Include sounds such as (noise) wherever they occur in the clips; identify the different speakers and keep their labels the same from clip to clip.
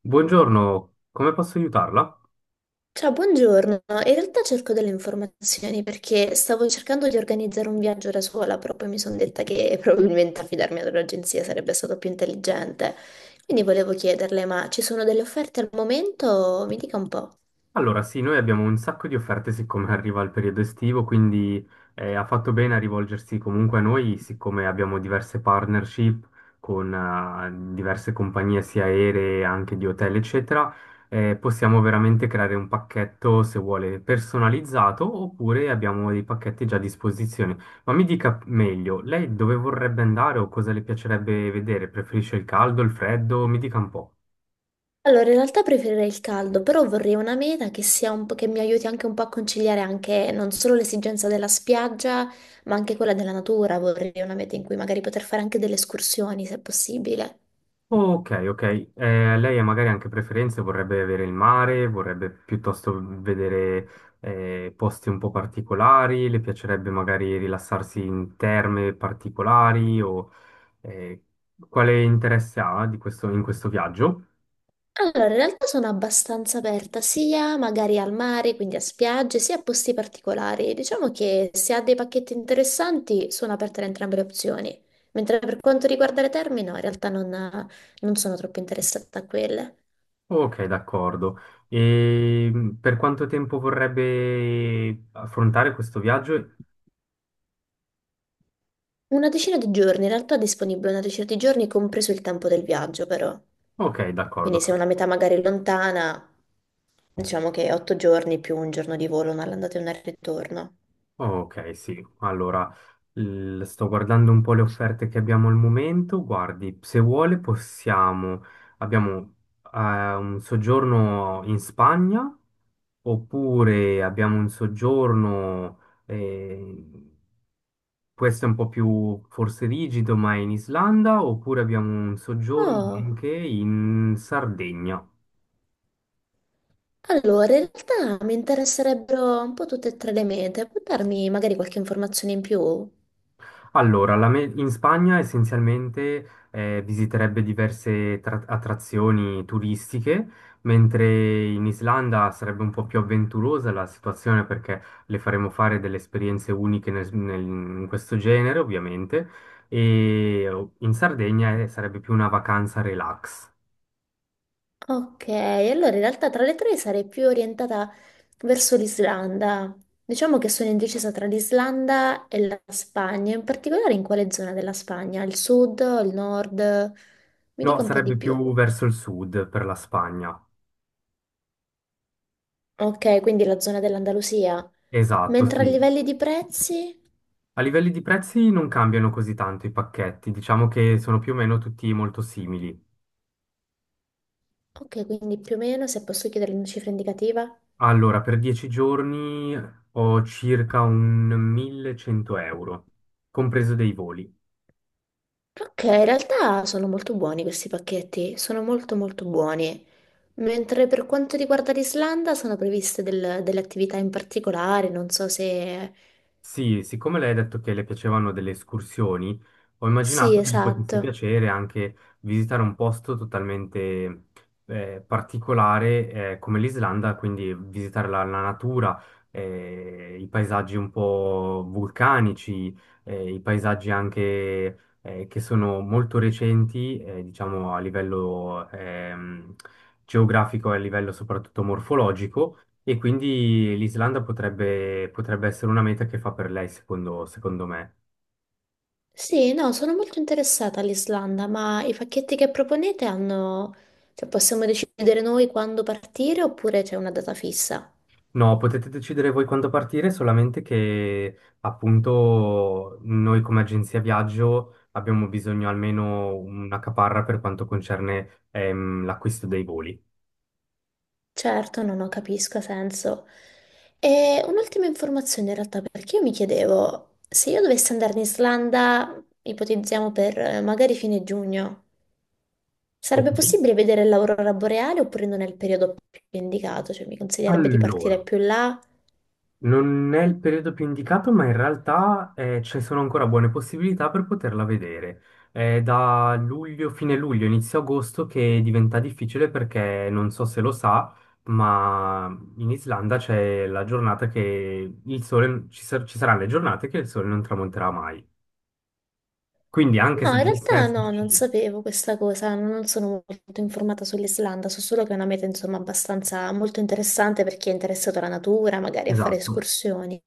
Speaker 1: Buongiorno, come posso aiutarla?
Speaker 2: Ciao, buongiorno. In realtà cerco delle informazioni perché stavo cercando di organizzare un viaggio da sola, però poi mi sono detta che (laughs) probabilmente affidarmi ad un'agenzia sarebbe stato più intelligente. Quindi volevo chiederle, ma ci sono delle offerte al momento? Mi dica un po'.
Speaker 1: Allora, sì, noi abbiamo un sacco di offerte siccome (laughs) arriva il periodo estivo, quindi ha fatto bene a rivolgersi comunque a noi, siccome abbiamo diverse partnership con diverse compagnie sia aeree, anche di hotel, eccetera, possiamo veramente creare un pacchetto, se vuole, personalizzato, oppure abbiamo dei pacchetti già a disposizione. Ma mi dica meglio, lei dove vorrebbe andare o cosa le piacerebbe vedere? Preferisce il caldo, il freddo? Mi dica un po'.
Speaker 2: Allora, in realtà preferirei il caldo, però vorrei una meta che sia un po' che mi aiuti anche un po' a conciliare anche non solo l'esigenza della spiaggia, ma anche quella della natura. Vorrei una meta in cui magari poter fare anche delle escursioni, se possibile.
Speaker 1: Ok, ok. Lei ha magari anche preferenze, vorrebbe avere il mare, vorrebbe piuttosto vedere posti un po' particolari, le piacerebbe magari rilassarsi in terme particolari o eh, quale interesse ha di in questo viaggio?
Speaker 2: Allora, in realtà sono abbastanza aperta sia magari al mare, quindi a spiagge, sia a posti particolari. Diciamo che se ha dei pacchetti interessanti sono aperte ad entrambe le opzioni. Mentre per quanto riguarda le terme, no, in realtà non sono troppo interessata a quelle.
Speaker 1: Ok, d'accordo. E per quanto tempo vorrebbe affrontare questo viaggio?
Speaker 2: Una decina di giorni, in realtà è disponibile una decina di giorni, compreso il tempo del viaggio, però.
Speaker 1: Ok, d'accordo.
Speaker 2: Quindi se è una metà magari lontana, diciamo che otto giorni più un giorno di volo, una all'andata e una al ritorno.
Speaker 1: Ok, sì. Allora, sto guardando un po' le offerte che abbiamo al momento. Guardi, se vuole possiamo. Abbiamo un soggiorno in Spagna, oppure abbiamo un soggiorno, eh, questo è un po' più forse rigido, ma è in Islanda, oppure abbiamo un soggiorno
Speaker 2: Oh.
Speaker 1: anche in Sardegna.
Speaker 2: Allora, in realtà mi interesserebbero un po' tutte e tre le mete, può darmi magari qualche informazione in più?
Speaker 1: Allora, in Spagna essenzialmente visiterebbe diverse attrazioni turistiche, mentre in Islanda sarebbe un po' più avventurosa la situazione perché le faremo fare delle esperienze uniche in questo genere, ovviamente, e in Sardegna sarebbe più una vacanza relax.
Speaker 2: Ok, allora in realtà tra le tre sarei più orientata verso l'Islanda. Diciamo che sono indecisa tra l'Islanda e la Spagna, in particolare in quale zona della Spagna? Il sud, il nord? Mi
Speaker 1: No,
Speaker 2: dica un po' di
Speaker 1: sarebbe
Speaker 2: più.
Speaker 1: più verso il sud per la Spagna.
Speaker 2: Ok, quindi la zona dell'Andalusia.
Speaker 1: Esatto,
Speaker 2: Mentre a
Speaker 1: sì.
Speaker 2: livelli di prezzi?
Speaker 1: A livelli di prezzi non cambiano così tanto i pacchetti, diciamo che sono più o meno tutti molto simili.
Speaker 2: Ok, quindi più o meno, se posso chiedere una cifra indicativa?
Speaker 1: Allora, per 10 giorni ho circa un 1100 euro, compreso dei voli.
Speaker 2: Ok, in realtà sono molto buoni questi pacchetti, sono molto molto buoni. Mentre per quanto riguarda l'Islanda sono previste delle attività in particolare, non so se...
Speaker 1: Sì, siccome lei ha detto che le piacevano delle escursioni, ho
Speaker 2: Sì,
Speaker 1: immaginato che gli potesse
Speaker 2: esatto.
Speaker 1: piacere anche visitare un posto totalmente particolare come l'Islanda, quindi visitare la natura, i paesaggi un po' vulcanici, i paesaggi anche che sono molto recenti, diciamo a livello geografico e a livello soprattutto morfologico. E quindi l'Islanda potrebbe, potrebbe essere una meta che fa per lei, secondo, secondo me.
Speaker 2: Sì, no, sono molto interessata all'Islanda, ma i pacchetti che proponete hanno... Cioè, possiamo decidere noi quando partire oppure c'è una data fissa?
Speaker 1: No, potete decidere voi quando partire, solamente che appunto noi come agenzia viaggio abbiamo bisogno almeno una caparra per quanto concerne l'acquisto dei voli.
Speaker 2: Certo, no, no, capisco, ha senso. E un'ultima informazione in realtà, perché io mi chiedevo, se io dovessi andare in Islanda, ipotizziamo per magari fine giugno,
Speaker 1: Ok,
Speaker 2: sarebbe possibile vedere l'aurora boreale oppure non è il periodo più indicato? Cioè, mi consiglierebbe di partire
Speaker 1: allora.
Speaker 2: più là?
Speaker 1: Non è il periodo più indicato, ma in realtà ci sono ancora buone possibilità per poterla vedere. È da luglio, fine luglio, inizio agosto che diventa difficile perché non so se lo sa, ma in Islanda c'è la giornata che il sole, ci saranno le giornate che il sole non tramonterà mai. Quindi anche
Speaker 2: No,
Speaker 1: se
Speaker 2: in
Speaker 1: dovesse
Speaker 2: realtà no, non
Speaker 1: esserci.
Speaker 2: sapevo questa cosa, non sono molto informata sull'Islanda, so solo che è una meta, insomma, abbastanza molto interessante per chi è interessato alla natura, magari a fare
Speaker 1: Esatto.
Speaker 2: escursioni.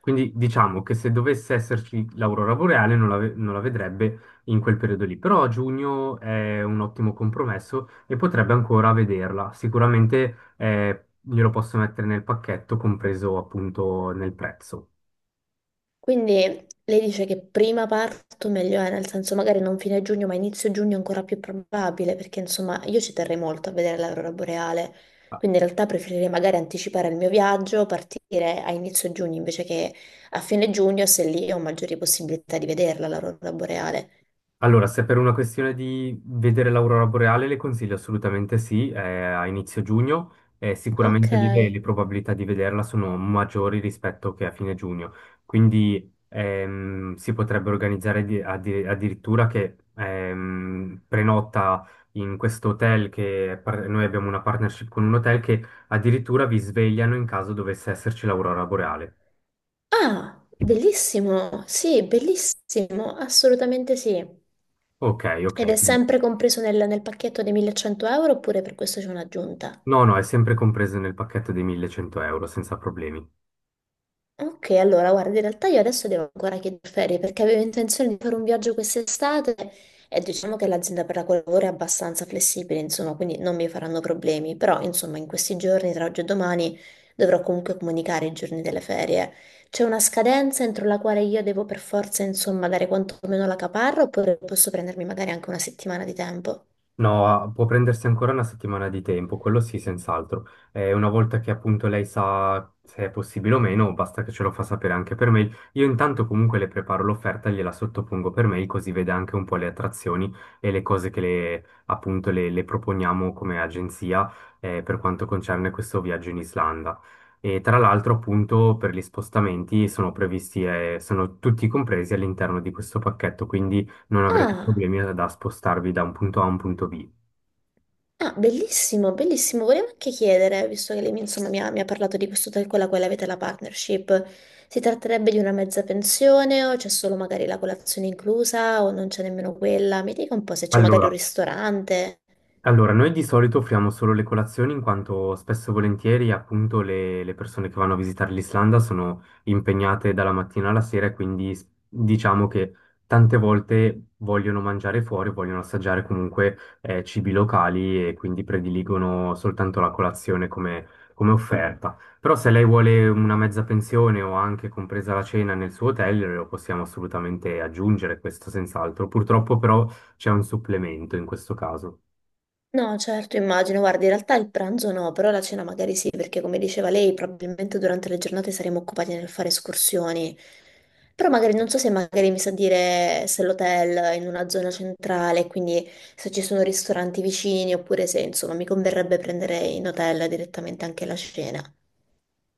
Speaker 1: Quindi diciamo che se dovesse esserci l'aurora boreale non la vedrebbe in quel periodo lì, però a giugno è un ottimo compromesso e potrebbe ancora vederla. Sicuramente glielo posso mettere nel pacchetto, compreso appunto nel prezzo.
Speaker 2: Quindi lei dice che prima parto meglio è, nel senso magari non fine giugno, ma inizio giugno è ancora più probabile, perché insomma io ci terrei molto a vedere l'aurora boreale, quindi in realtà preferirei magari anticipare il mio viaggio, partire a inizio giugno invece che a fine giugno, se lì ho maggiori possibilità di vederla l'aurora boreale.
Speaker 1: Allora, se per una questione di vedere l'aurora boreale, le consiglio assolutamente sì, a inizio giugno,
Speaker 2: Ok.
Speaker 1: sicuramente lì le probabilità di vederla sono maggiori rispetto che a fine giugno, quindi si potrebbe organizzare addirittura che prenota in questo hotel che noi abbiamo una partnership con un hotel che addirittura vi svegliano in caso dovesse esserci l'aurora boreale.
Speaker 2: Ah, bellissimo, sì, bellissimo, assolutamente sì.
Speaker 1: Ok, ok.
Speaker 2: Ed è sempre compreso nel pacchetto dei 1100 euro oppure per questo c'è un'aggiunta?
Speaker 1: No, no, è sempre compreso nel pacchetto dei 1100 euro, senza problemi.
Speaker 2: Ok, allora guarda, in realtà io adesso devo ancora chiedere ferie perché avevo intenzione di fare un viaggio quest'estate e diciamo che l'azienda per la quale lavoro è abbastanza flessibile, insomma, quindi non mi faranno problemi, però insomma in questi giorni, tra oggi e domani, dovrò comunque comunicare i giorni delle ferie. C'è una scadenza entro la quale io devo per forza, insomma, dare quantomeno la caparra oppure posso prendermi magari anche una settimana di tempo?
Speaker 1: No, può prendersi ancora una settimana di tempo, quello sì, senz'altro. Una volta che appunto lei sa se è possibile o meno, basta che ce lo fa sapere anche per mail. Io intanto comunque le preparo l'offerta, e gliela sottopongo per mail, così vede anche un po' le attrazioni e le cose che appunto le proponiamo come agenzia per quanto concerne questo viaggio in Islanda. E tra l'altro appunto per gli spostamenti sono previsti, sono tutti compresi all'interno di questo pacchetto, quindi non avrete
Speaker 2: Ah!
Speaker 1: problemi da spostarvi da un punto A a un punto B.
Speaker 2: Ah, bellissimo, bellissimo. Volevo anche chiedere, visto che lei mi, insomma, mi ha parlato di questo hotel con la quale avete la partnership, si tratterebbe di una mezza pensione o c'è solo magari la colazione inclusa o non c'è nemmeno quella? Mi dica un po' se c'è magari un
Speaker 1: Allora,
Speaker 2: ristorante.
Speaker 1: Allora, noi di solito offriamo solo le colazioni in quanto spesso e volentieri appunto le persone che vanno a visitare l'Islanda sono impegnate dalla mattina alla sera e quindi diciamo che tante volte vogliono mangiare fuori, vogliono assaggiare comunque cibi locali e quindi prediligono soltanto la colazione come, offerta. Però se lei vuole una mezza pensione o anche compresa la cena nel suo hotel, lo possiamo assolutamente aggiungere, questo senz'altro. Purtroppo però c'è un supplemento in questo caso.
Speaker 2: No, certo, immagino. Guarda, in realtà il pranzo no, però la cena magari sì, perché come diceva lei, probabilmente durante le giornate saremo occupati nel fare escursioni. Però magari non so se magari mi sa dire se l'hotel è in una zona centrale, quindi se ci sono ristoranti vicini, oppure se insomma mi converrebbe prendere in hotel direttamente anche la cena.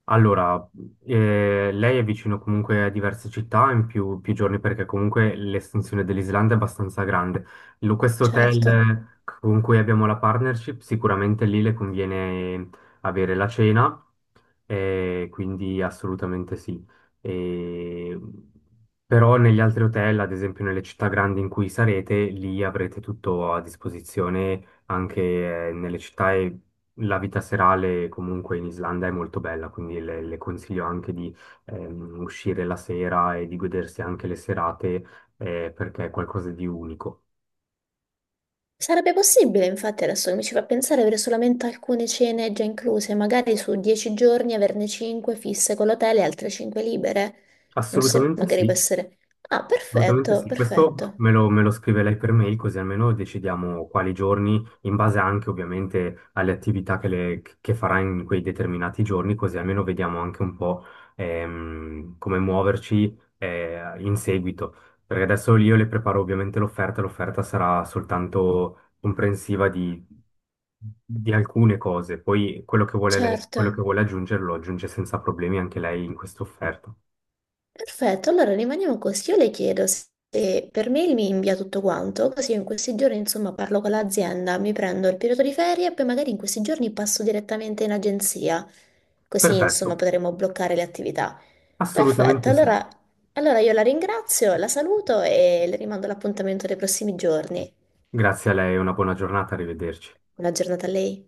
Speaker 1: Allora, lei è vicino comunque a diverse città in più, più giorni perché comunque l'estensione dell'Islanda è abbastanza grande. Questo
Speaker 2: Certo.
Speaker 1: hotel con cui abbiamo la partnership, sicuramente lì le conviene avere la cena, quindi assolutamente sì. E- però negli altri hotel, ad esempio nelle città grandi in cui sarete, lì avrete tutto a disposizione anche nelle città la vita serale comunque in Islanda è molto bella, quindi le consiglio anche di uscire la sera e di godersi anche le serate perché è qualcosa di unico.
Speaker 2: Sarebbe possibile, infatti, adesso che mi ci fa pensare, avere solamente alcune cene già incluse, magari su 10 giorni averne 5 fisse con l'hotel e altre 5 libere. Non so se
Speaker 1: Assolutamente
Speaker 2: magari può
Speaker 1: sì.
Speaker 2: essere... Ah,
Speaker 1: Assolutamente
Speaker 2: perfetto,
Speaker 1: sì, questo
Speaker 2: perfetto.
Speaker 1: me lo scrive lei per mail così almeno decidiamo quali giorni, in base anche ovviamente alle attività che farà in quei determinati giorni, così almeno vediamo anche un po' come muoverci in seguito. Perché adesso io le preparo ovviamente l'offerta, l'offerta sarà soltanto comprensiva di alcune cose, poi
Speaker 2: Certo.
Speaker 1: quello che vuole aggiungere lo aggiunge senza problemi anche lei in questa offerta.
Speaker 2: Perfetto, allora rimaniamo così. Io le chiedo se per mail mi invia tutto quanto, così io in questi giorni insomma parlo con l'azienda, mi prendo il periodo di ferie e poi magari in questi giorni passo direttamente in agenzia, così
Speaker 1: Perfetto,
Speaker 2: insomma potremo bloccare le attività. Perfetto,
Speaker 1: assolutamente sì.
Speaker 2: allora io la ringrazio, la saluto e le rimando l'appuntamento dei prossimi giorni.
Speaker 1: Grazie a lei, una buona giornata, arrivederci.
Speaker 2: Buona giornata a lei.